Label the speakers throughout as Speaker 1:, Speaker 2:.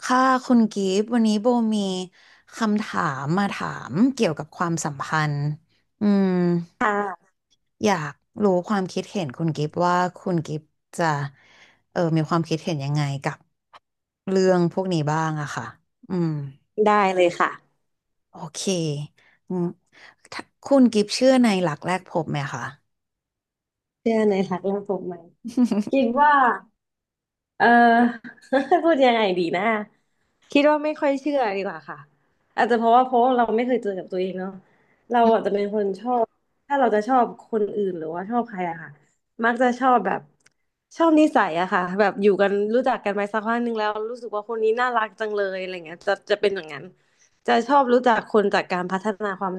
Speaker 1: ค่ะคุณกิฟต์วันนี้โบมีคำถามมาถามเกี่ยวกับความสัมพันธ์อืม
Speaker 2: ค่ะ
Speaker 1: อยากรู้ความคิดเห็นคุณกิฟต์ว่าคุณกิฟต์จะมีความคิดเห็นยังไงกับเรื่องพวกนี้บ้างอะค่ะอืม
Speaker 2: ได้เลยค่ะ
Speaker 1: โอเคอืมถ้าคุณกิฟต์เชื่อในหลักแรกพบไหมคะ
Speaker 2: เชื่อในหลักเรื่องภูมิไหมคิ ดว่า เออ พูดยังไงดีนะคิดว่าไม่ค่อยเชื่อดีกว่าค่ะอาจจะเพราะเราไม่เคยเจอกับตัวเองเนาะเราอาจจะเป็นคนชอบถ้าเราจะชอบคนอื่นหรือว่าชอบใครอะค่ะมักจะชอบแบบชอบนิสัยอะค่ะแบบอยู่กันรู้จักกันไปสักพักหนึ่งแล้วรู้สึกว่าคนนี้น่ารักจังเลยอะไรเงี้ยจะเป็นอย่างนั้นจะชอบรู้จักคนจากการพัฒนาความ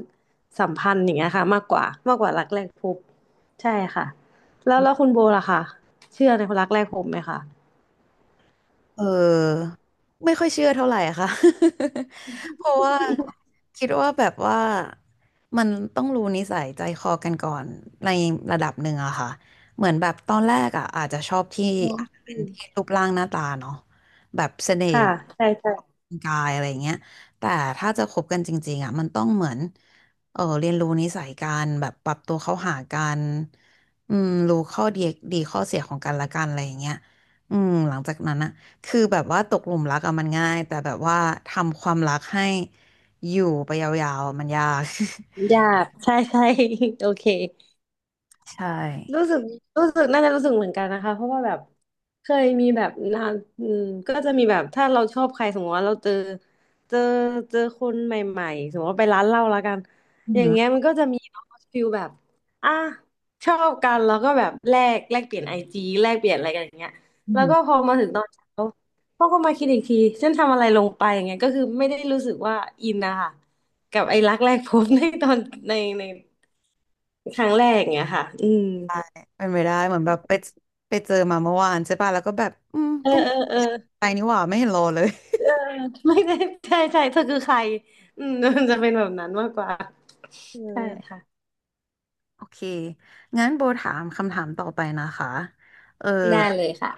Speaker 2: สัมพันธ์อย่างเงี้ยค่ะมากกว่ารักแรกพบใช่ค่ะแล้วคุณโบล่ะคะเชื่อในคนรักแรกพบไหมคะ
Speaker 1: เออไม่ค่อยเชื่อเท่าไหร่ค่ะ เพราะว่าคิดว่าแบบว่ามันต้องรู้นิสัยใจคอกันก่อนในระดับหนึ่งอะค่ะเหมือนแบบตอนแรกอะอาจจะชอบที่
Speaker 2: อ๋อ
Speaker 1: อาจจะเป็นที่รูปร่างหน้าตาเนาะแบบเสน่ห์
Speaker 2: ค่ะใช่ใช่
Speaker 1: กายอะไรเงี้ยแต่ถ้าจะคบกันจริงๆอะมันต้องเหมือนเรียนรู้นิสัยกันแบบปรับตัวเข้าหากันอืมรู้ข้อดีข้อเสียของกันและกันอะไรอย่างเงี้ยอืมหลังจากนั้นอะ คือแบบว่าตกหลุมรักอะมันง่ายแต่แบบว่าทำความรักให้อยู่ไปยาวๆอะมันยาก
Speaker 2: หยาบใช่ใช่ โอเค
Speaker 1: ใช่
Speaker 2: รู้สึกรู้สึกน่าจะรู้สึกเหมือนกันนะคะเพราะว่าแบบเคยมีแบบนานอืมก็จะมีแบบถ้าเราชอบใครสมมติว่าเราเจอเจอคนใหม่ๆสมมติว่าไปร้านเหล้าแล้วกัน
Speaker 1: อือ
Speaker 2: อย่า
Speaker 1: หื
Speaker 2: ง
Speaker 1: อ
Speaker 2: เงี้ยมันก็จะมีฟิลแบบอ่ะชอบกันแล้วก็แบบแลกแลกเปลี่ยนไอจีแลกเปลี่ยนอะไรกันอย่างเงี้ย
Speaker 1: อือ
Speaker 2: แล้ว
Speaker 1: หือ
Speaker 2: ก็พอมาถึงตอนเช้าพ่อก็มาคิดอีกทีฉันทำอะไรลงไปอย่างเงี้ยก็คือไม่ได้รู้สึกว่าอินนะคะกับไอ้รักแรกพบในตอนในในครั้งแรกอย่างเงี้ยค่ะอืม
Speaker 1: เป็นไปได้เหมือนแบบไปเจอมาเมื่อวานใช่ป่ะแล้วก็แบบอืม
Speaker 2: เออ
Speaker 1: ก็ไม่
Speaker 2: เออเออ
Speaker 1: ใจนี่หว่าไม่เห็นรอเลย
Speaker 2: เออไม่ได้ใช่ใช่เธอคือใครอืม มันจะเป็นแบบนั้นมากกว่า
Speaker 1: เอ
Speaker 2: ใช่
Speaker 1: อ
Speaker 2: ค่ะ
Speaker 1: โอเคงั้นโบถามคำถามต่อไปนะคะเออ
Speaker 2: ได้เลยค่ะ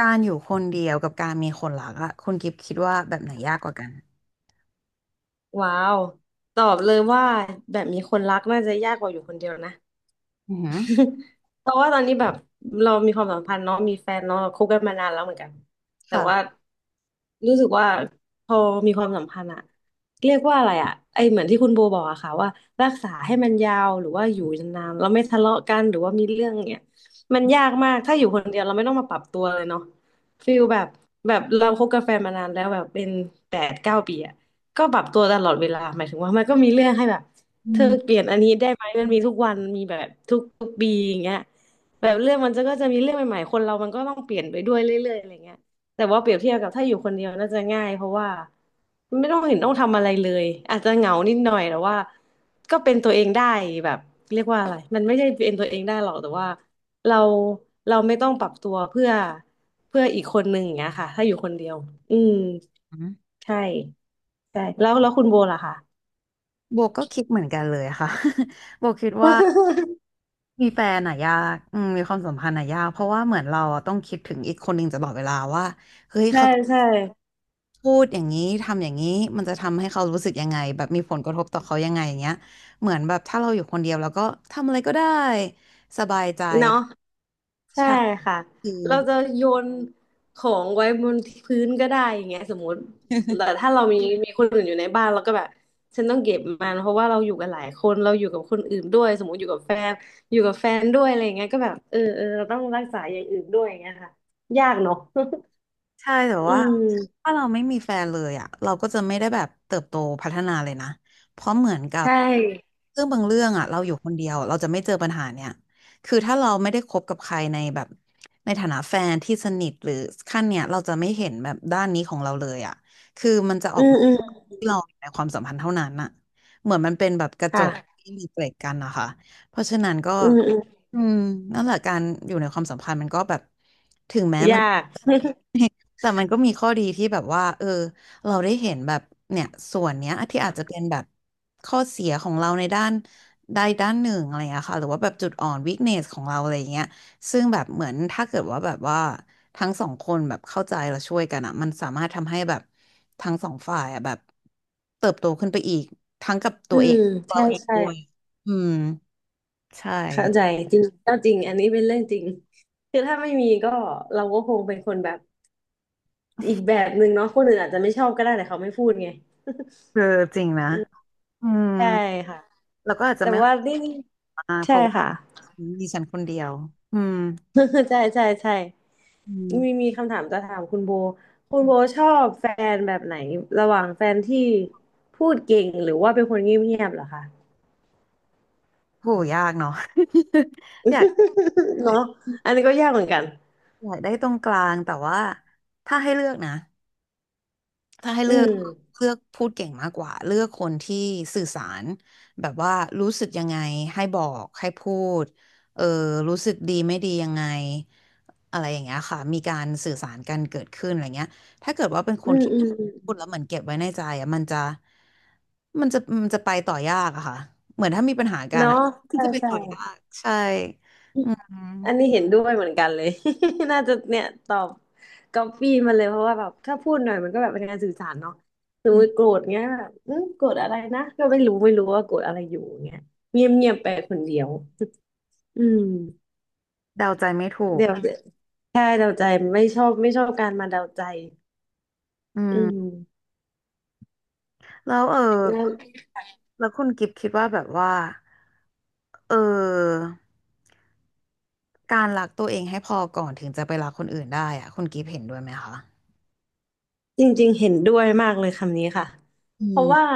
Speaker 1: การอยู่คนเดียวกับการมีคนรักอะคุณกิฟต์คิดว่าแบบไหนยากกว่ากัน
Speaker 2: ว้าวตอบเลยว่าแบบมีคนรักน่าจะยากกว่าอยู่คนเดียวนะ
Speaker 1: อือหือ
Speaker 2: เพราะว่าตอนนี้แบบเรามีความสัมพันธ์เนาะมีแฟนเนาะเราคบกันมานานแล้วเหมือนกันแต่ว่า
Speaker 1: ค่ะ
Speaker 2: รู้สึกว่าพอมีความสัมพันธ์อะเรียกว่าอะไรอะไอเหมือนที่คุณโบบอกอะค่ะว่ารักษาให้มันยาวหรือว่าอยู่นานๆเราไม่ทะเลาะกันหรือว่ามีเรื่องเนี่ยมันยากมากถ้าอยู่คนเดียวเราไม่ต้องมาปรับตัวเลยเนาะฟีลแบบเราคบกับแฟนมานานแล้วแบบเป็น8-9 ปีอะก็ปรับตัวตลอดเวลาหมายถึงว่ามันก็มีเรื่องให้แบบ
Speaker 1: อื
Speaker 2: เธอเป
Speaker 1: ม
Speaker 2: ลี่ยนอันนี้ได้ไหมมันมีทุกวันมีแบบทุกปีอย่างเงี้ยแบบเรื่องมันจะก็จะมีเรื่องใหม่ๆคนเรามันก็ต้องเปลี่ยนไปด้วยเรื่อยๆอะไรเงี้ยแต่ว่าเปรียบเทียบกับถ้าอยู่คนเดียวน่าจะง่ายเพราะว่าไม่ต้องเห็นต้องทำอะไรเลยอาจจะเหงานิดหน่อยแต่ว่าก็เป็นตัวเองได้แบบเรียกว่าอะไรมันไม่ใช่เป็นตัวเองได้หรอกแต่ว่าเราเราไม่ต้องปรับตัวเพื่ออีกคนหนึ่งอย่างเงี้ยค่ะถ้าอยู่คนเดียวอืมใช่ใช่แล้วคุณโบล่ะคะ
Speaker 1: โบก็คิดเหมือนกันเลยค่ะ โบคิดว่า มีแฟนอะยากอืมมีความสัมพันธ์อะยากเพราะว่าเหมือนเราอะต้องคิดถึงอีกคนหนึ่งตลอดเวลาว่าเฮ้ย
Speaker 2: ใช่
Speaker 1: เขา
Speaker 2: ใช่
Speaker 1: พูดอย่างนี้ทำอย่างนี้มันจะทำให้เขารู้สึกยังไงแบบมีผลกระทบต่อเขายังไงอย่างเงี้ยเหมือนแบบถ้าเราอยู่คนเดียวแล้วก็ทำอะไรก็ได้สบายใจ
Speaker 2: เนาะใช่
Speaker 1: ใช่
Speaker 2: ค่ะเราจะโยนของไว้บนพื้นก็ได้อย่างเงี้ยสมมติแต่ถ้าเรามีคนอื่นอยู่ในบ้านเราก็แบบฉันต้องเก็บมันเพราะว่าเราอยู่กันหลายคนเราอยู่กับคนอื่นด้วยสมมติอยู่กับแฟนอยู่กับแฟนด้วยอะไรอย่างเงี้ยก็แบบเราต้องรักษาอย่างอื่นด้วยอย่างเงี้ยค่ะยากเนาะ
Speaker 1: ใช่แต่
Speaker 2: อื
Speaker 1: ว่า
Speaker 2: ม
Speaker 1: ถ้าเราไม่มีแฟนเลยอ่ะเราก็จะไม่ได้แบบเติบโตพัฒนาเลยนะเพราะเหมือนกับ
Speaker 2: ใช่
Speaker 1: เรื่องบางเรื่องอ่ะเราอยู่คนเดียวเราจะไม่เจอปัญหาเนี่ยคือถ้าเราไม่ได้คบกับใครในแบบในฐานะแฟนที่สนิทหรือขั้นเนี่ยเราจะไม่เห็นแบบด้านนี้ของเราเลยอ่ะคือมันจะอ
Speaker 2: อื
Speaker 1: อก
Speaker 2: ม
Speaker 1: มา
Speaker 2: อืม
Speaker 1: ที่เราในความสัมพันธ์เท่านั้นอ่ะเหมือนมันเป็นแบบกระจก
Speaker 2: ค่ะ
Speaker 1: ที่มีเกล็ดกันนะคะเพราะฉะนั้นก็
Speaker 2: อืมอืม
Speaker 1: อืมนั่นแหละการอยู่ในความสัมพันธ์มันก็แบบถึงแม้
Speaker 2: ย
Speaker 1: มัน
Speaker 2: าก
Speaker 1: แต่มันก็มีข้อดีที่แบบว่าเออเราได้เห็นแบบเนี่ยส่วนเนี้ยที่อาจจะเป็นแบบข้อเสียของเราในด้านใดด้านหนึ่งอะไรอย่างเงี้ยค่ะหรือว่าแบบจุดอ่อนวิคเนสของเราอะไรอย่างเงี้ยซึ่งแบบเหมือนถ้าเกิดว่าแบบว่าทั้งสองคนแบบเข้าใจและช่วยกันอ่ะมันสามารถทำให้แบบทั้งสองฝ่ายอ่ะแบบเติบโตขึ้นไปอีกทั้งกับ ตั
Speaker 2: อื
Speaker 1: วเอง
Speaker 2: ม
Speaker 1: เรา
Speaker 2: ใช่
Speaker 1: เอง
Speaker 2: ใช่
Speaker 1: ด้วยอืมใช่
Speaker 2: เข้าใจจริงก็จริงอันนี้เป็นเรื่องจริงคือถ้าไม่มีก็เราก็คงเป็นคนแบบ อีกแบบหนึ่งเนาะคนอื่นอาจจะไม่ชอบก็ได้แต่เขาไม่พูดไง
Speaker 1: คือจริงนะอืม
Speaker 2: ใช่ค่ะ
Speaker 1: แล้วก็อาจจะ
Speaker 2: แต่
Speaker 1: ไม่ข
Speaker 2: ว่า
Speaker 1: อ
Speaker 2: นี่
Speaker 1: มากเพ
Speaker 2: ใช่
Speaker 1: ราะว่า
Speaker 2: ค่ะ
Speaker 1: ดิฉันคนเดียวอืม
Speaker 2: ใช่ใช่ใช่
Speaker 1: อื
Speaker 2: มี
Speaker 1: ม
Speaker 2: มีคำถามจะถามคุณโบคุณโบชอบแฟนแบบไหนระหว่างแฟนที่พูดเก่งหรือว่าเป็นคนเงียบๆเหรอคะ
Speaker 1: โหยากเนาะ อยาก
Speaker 2: เนาะอันนี้ก็ยากเหมือนกัน
Speaker 1: อยากได้ตรงกลางแต่ว่าถ้าให้เลือกนะถ้าให้
Speaker 2: อื
Speaker 1: เลือก
Speaker 2: ม
Speaker 1: เลือกพูดเก่งมากกว่าเลือกคนที่สื่อสารแบบว่ารู้สึกยังไงให้บอกให้พูดเออรู้สึกดีไม่ดียังไงอะไรอย่างเงี้ยค่ะมีการสื่อสารกันเกิดขึ้นอะไรเงี้ยถ้าเกิดว่าเป็นค
Speaker 2: อื
Speaker 1: น
Speaker 2: ม
Speaker 1: ที่
Speaker 2: อื
Speaker 1: พู
Speaker 2: ม
Speaker 1: ดแล้วเหมือนเก็บไว้ในใจอะมันจะมันจะไปต่อยากอะค่ะ
Speaker 2: เนาะ
Speaker 1: มัน
Speaker 2: ใช่
Speaker 1: จะไป
Speaker 2: ใช่
Speaker 1: ต่อยากใช่อื
Speaker 2: อันนี้เห็นด้วยเหมือนกันเลย น่าจะเนี่ยตอบก๊อปปี้มาเลยเพราะว่าแบบถ้าพูดหน่อยมันก็แบบเป็นการสื่อสารเนาะสมมติโก
Speaker 1: ม
Speaker 2: รธเงี้ยแบบอืมโกรธอะไรนะก็ไม่รู้ไม่รู้ว่าโกรธอะไรอยู่เงี้ยเงียบเงียบไปคนเดียวอืม
Speaker 1: เดาใจไม่ถูก
Speaker 2: เดี๋ยวใช่เดาใจไม่ชอบไม่ชอบการมาเดาใจ
Speaker 1: อื
Speaker 2: อืม
Speaker 1: มแล้วแล้วคุณกิฟต์คิดว่าแบบว่าเออการรักตัวเองให้พอก่อนถึงจะไปรักคนอื่นได้อะคุณกิฟต์เห็นด้วยไหมคะ
Speaker 2: จริงๆเห็นด้วยมากเลยคำนี้ค่ะ
Speaker 1: อื
Speaker 2: เพราะว่า
Speaker 1: ม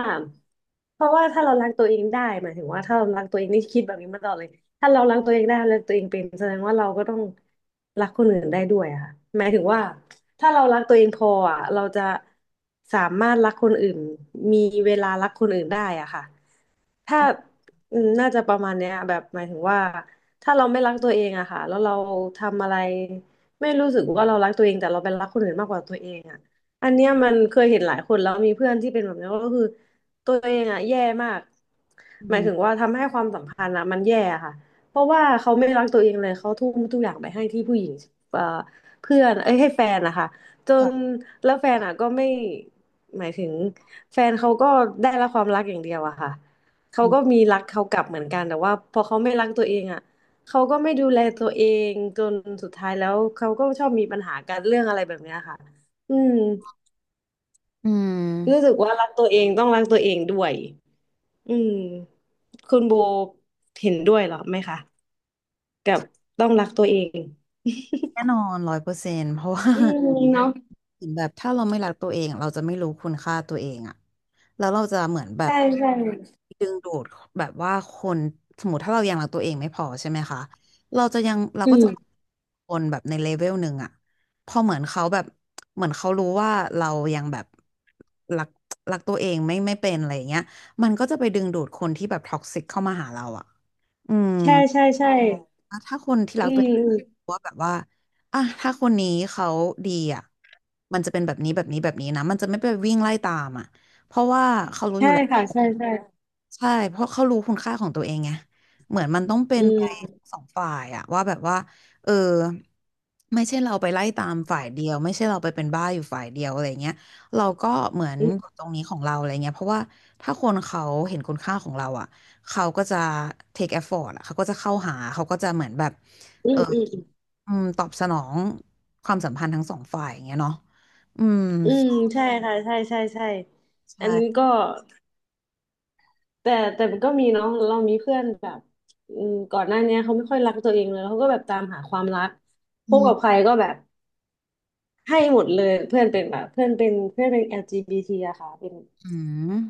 Speaker 2: เพราะว่าถ้าเรารักตัวเองได้หมายถึงว่าถ้าเรารักตัวเองนี่คิดแบบนี้มาตลอดเลยถ้าเรารักตัวเองได้รักตัวเองเป็นแสดงว่าเราก็ต้องรักคนอื่นได้ด้วยอะค่ะหมายถึงว่าถ้าเรารักตัวเองพออะเราจะสามารถรักคนอื่นมีเวลารักคนอื่นได้อะค่ะ ถ้าน่าจะประมาณเนี้ยแบบหมายถึงว่าถ้าเราไม่รักตัวเองอะค่ะแล้วเราทำอะไร ไม่รู้สึกว่าเรารักตัวเอง แต่เราไปรักคนอื่นมากกว่าตัวเองอะอันเนี้ยมันเคยเห็นหลายคนแล้วมีเพื่อนที่เป็นแบบนี้ก็คือตัวเองอะแย่มาก
Speaker 1: อื
Speaker 2: หมาย
Speaker 1: ม
Speaker 2: ถึงว่าทำให้ความสัมพันธ์อะมันแย่อะค่ะเพราะว่าเขาไม่รักตัวเองเลย เขาทุ่มทุกอย่างไปให้ที่ผู้หญิงเอ่อเพื่อนเอ้ยให้แฟนนะคะจน
Speaker 1: ค่ะ
Speaker 2: แล้วแฟนอะก็ไม่หมายถึงแฟนเขาก็ได้รับความรักอย่างเดียวอะค่ะ เขา
Speaker 1: อืม
Speaker 2: ก็มีรักเขากลับเหมือนกันแต่ว่าพอเขาไม่รักตัวเองอ่ะเขาก็ไม่ดูแลตัวเองจนสุดท้ายแล้วเขาก็ชอบมีปัญหากันเรื่องอะไรแบบเนี้ยค่ะอืม
Speaker 1: อืม
Speaker 2: รู้สึกว่ารักตัวเองต้องรักตัวเองด้วยอืมคุณโบเห็นด้วยเหรอไหมคะกับต้องรักตัวเอง
Speaker 1: แน่นอนร้อยเปอร์เซนต์เพราะว่า
Speaker 2: อื มเนาะ
Speaker 1: เหมือนแบบถ้าเราไม่รักตัวเองเราจะไม่รู้คุณค่าตัวเองอะแล้วเราจะเหมือนแบบ
Speaker 2: ใช่ใช่
Speaker 1: ดึงดูดแบบว่าคนสมมติถ้าเรายังรักตัวเองไม่พอใช่ไหมคะเราจะยังเรา
Speaker 2: อื
Speaker 1: ก็จะ
Speaker 2: ม
Speaker 1: คนแบบในเลเวลหนึ่งอะพอเหมือนเขาแบบเหมือนเขารู้ว่าเรายังแบบรักรักตัวเองไม่เป็นอะไรอย่างเงี้ยมันก็จะไปดึงดูดคนที่แบบท็อกซิกเข้ามาหาเราอะอืม
Speaker 2: ใช่ใช่ใช่
Speaker 1: ถ้าคนที่รั
Speaker 2: อื
Speaker 1: กตั
Speaker 2: ม
Speaker 1: วเอง
Speaker 2: อืม
Speaker 1: ว่าแบบว่าอ่ะถ้าคนนี้เขาดีอ่ะมันจะเป็นแบบนี้แบบนี้แบบนี้นะมันจะไม่ไปวิ่งไล่ตามอ่ะเพราะว่าเขารู้อ
Speaker 2: ใช่
Speaker 1: ยู่แล้ว
Speaker 2: ค่ะใช่ใช่
Speaker 1: ใช่เพราะเขารู้คุณค่าของตัวเองไงเหมือนมันต้องเป็
Speaker 2: อื
Speaker 1: นไป
Speaker 2: ม
Speaker 1: สองฝ่ายอะว่าแบบว่าเออไม่ใช่เราไปไล่ตามฝ่ายเดียวไม่ใช่เราไปเป็นบ้าอยู่ฝ่ายเดียวอะไรเงี้ยเราก็เหมือน
Speaker 2: อื
Speaker 1: อ
Speaker 2: ม
Speaker 1: ยู่ตรงนี้ของเราอะไรเงี้ยเพราะว่าถ้าคนเขาเห็นคุณค่าของเราอะ เขาก็จะ take effort อะเขาก็จะเข้าหา เขาก็จะเหมือนแบบ
Speaker 2: อื
Speaker 1: เออ
Speaker 2: ม
Speaker 1: อืมตอบสนองความสัมพันธ์ทั้งสองฝ่ายอย่างเงี้ยเนาะอืม
Speaker 2: อืมใช่ค่ะใช่ใช่ใช่อันนี้
Speaker 1: ใช่
Speaker 2: ก็แต่แต่มันก็มีเนาะเรามีเพื่อนแบบอืมก่อนหน้าเนี้ยเขาไม่ค่อยรักตัวเองเลยเขาก็แบบตามหาความรักพ
Speaker 1: อื
Speaker 2: บ
Speaker 1: ม
Speaker 2: กับใครก็แบบให้หมดเลยเพื่อนเป็นแบบเพื่อนเป็นเพื่อนเป็น LGBT อลจีบีทีอะค่ะเป็น
Speaker 1: อื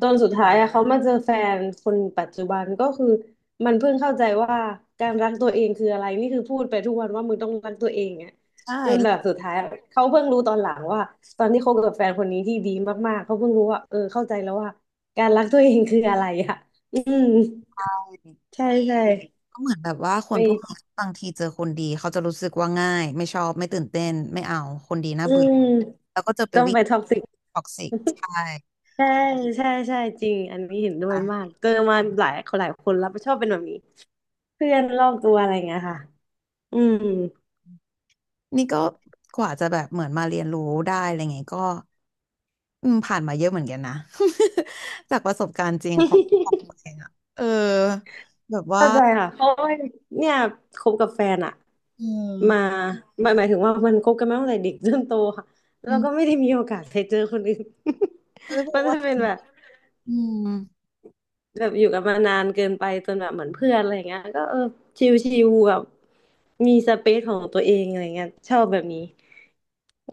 Speaker 2: จนสุดท้ายอะเขามาเจอแฟนคนปัจจุบันก็คือมันเพิ่งเข้าใจว่าการรักตัวเองคืออะไรนี่คือพูดไปทุกวันว่ามึงต้องรักตัวเองอะ
Speaker 1: ใช่
Speaker 2: จน
Speaker 1: แล้
Speaker 2: แบ
Speaker 1: ว
Speaker 2: บสุดท้ายอะเขาเพิ่งรู้ตอนหลังว่าตอนที่คบกับแฟนคนนี้ที่ดีมากๆเขาเพิ่งรู้ว่าเออเข้าใจแล้วว่าการรักตัวเองคืออะไรอะอืมใช่ใช่
Speaker 1: ก็เหมือนแบบว่าคนพวกนี้
Speaker 2: ไป
Speaker 1: บางทีเจอคนดีเขาจะรู้สึกว่าง่ายไม่ชอบไม่ตื่นเต้นไม่เอาคนดีน่า
Speaker 2: อื
Speaker 1: เบื่อ
Speaker 2: ม
Speaker 1: แล้วก็จะไป
Speaker 2: ต้อง
Speaker 1: วิ่ง
Speaker 2: ไปท็อกซิก
Speaker 1: ท็อกซิกใช่
Speaker 2: ใช่ใช่ใช่จริงอันนี้เห็นด้วยมากเจอมาหลายคนหลายคนแล้วชอบเป็นแบบนี้เพื่อนรอบตัวอะไรเงี้ยค่ะอืม
Speaker 1: นี่ก็กว่าจะแบบเหมือนมาเรียนรู้ได้อะไรเงี้ยก็อืมผ่านมาเยอะเหมือนกันนะ จากประสบการณ์จริงของตัวเองอะเออแบบว่า
Speaker 2: เข้าใจค่ะเพราะว่าเนี่ยคบกับแฟนอะ
Speaker 1: อื
Speaker 2: มา
Speaker 1: ม
Speaker 2: หมายหมายถึงว่ามันคบกันมาตั้งแต่เด็กจนโตค่ะแล้
Speaker 1: อื
Speaker 2: วก็ไม่
Speaker 1: ม
Speaker 2: ได้มีโอกาสไปเจอคนอื่น
Speaker 1: เอ้ยบ อ
Speaker 2: มั
Speaker 1: ก
Speaker 2: น
Speaker 1: ว่า
Speaker 2: จะเป็นแบบ
Speaker 1: อืม
Speaker 2: แบบอยู่กันมานานเกินไปจนแบบเหมือนเพื่อนอะไรเงี้ยก็เออชิลๆแบบมีสเปซของตัวเองอะไรเงี้ยชอบแบบนี้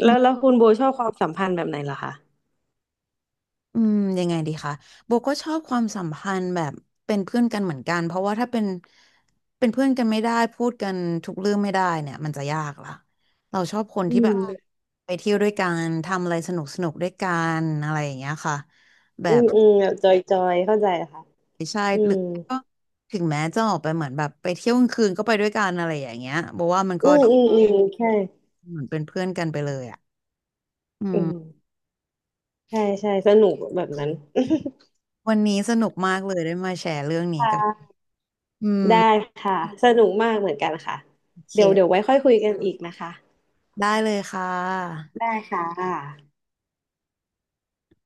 Speaker 1: อื
Speaker 2: แล้วแล้
Speaker 1: ม
Speaker 2: วคุณโบชอบความสัมพันธ์แบบไหนเหรอคะ
Speaker 1: อืมยังไงดีคะโบก็ชอบความสัมพันธ์แบบเป็นเพื่อนกันเหมือนกันเพราะว่าถ้าเป็นเพื่อนกันไม่ได้พูดกันทุกเรื่องไม่ได้เนี่ยมันจะยากละเราชอบคน
Speaker 2: อื
Speaker 1: ที่แบบ
Speaker 2: ม
Speaker 1: ไปเที่ยวด้วยกันทำอะไรสนุกสนุกด้วยกันอะไรอย่างเงี้ยค่ะแบ
Speaker 2: อื
Speaker 1: บ
Speaker 2: มอืมแบบจอยๆเข้าใจค่ะอื
Speaker 1: หรือ
Speaker 2: ม
Speaker 1: ก็ถึงแม้จะออกไปเหมือนแบบไปเที่ยวกลางคืนก็ไปด้วยกันอะไรอย่างเงี้ยบอกว่ามันก็
Speaker 2: อืมอืมอืมใช่
Speaker 1: เหมือนเป็นเพื่อนกันไปเลยอ่ะอื
Speaker 2: อืม
Speaker 1: ม
Speaker 2: ใช่ใช่สนุกแบบนั้น
Speaker 1: วันนี้สนุกมากเลยได้มาแชร์เรื่อง นี้
Speaker 2: ค
Speaker 1: กัน
Speaker 2: ่ะ
Speaker 1: อืม
Speaker 2: ได้ค่ะสนุกมากเหมือนกันค่ะ
Speaker 1: โอเค
Speaker 2: เดี๋ยวเดี๋ยวไว้ค่อยคุยกันอีกนะคะ
Speaker 1: ได้เลยค่ะ
Speaker 2: ได้ค่ะค่ะ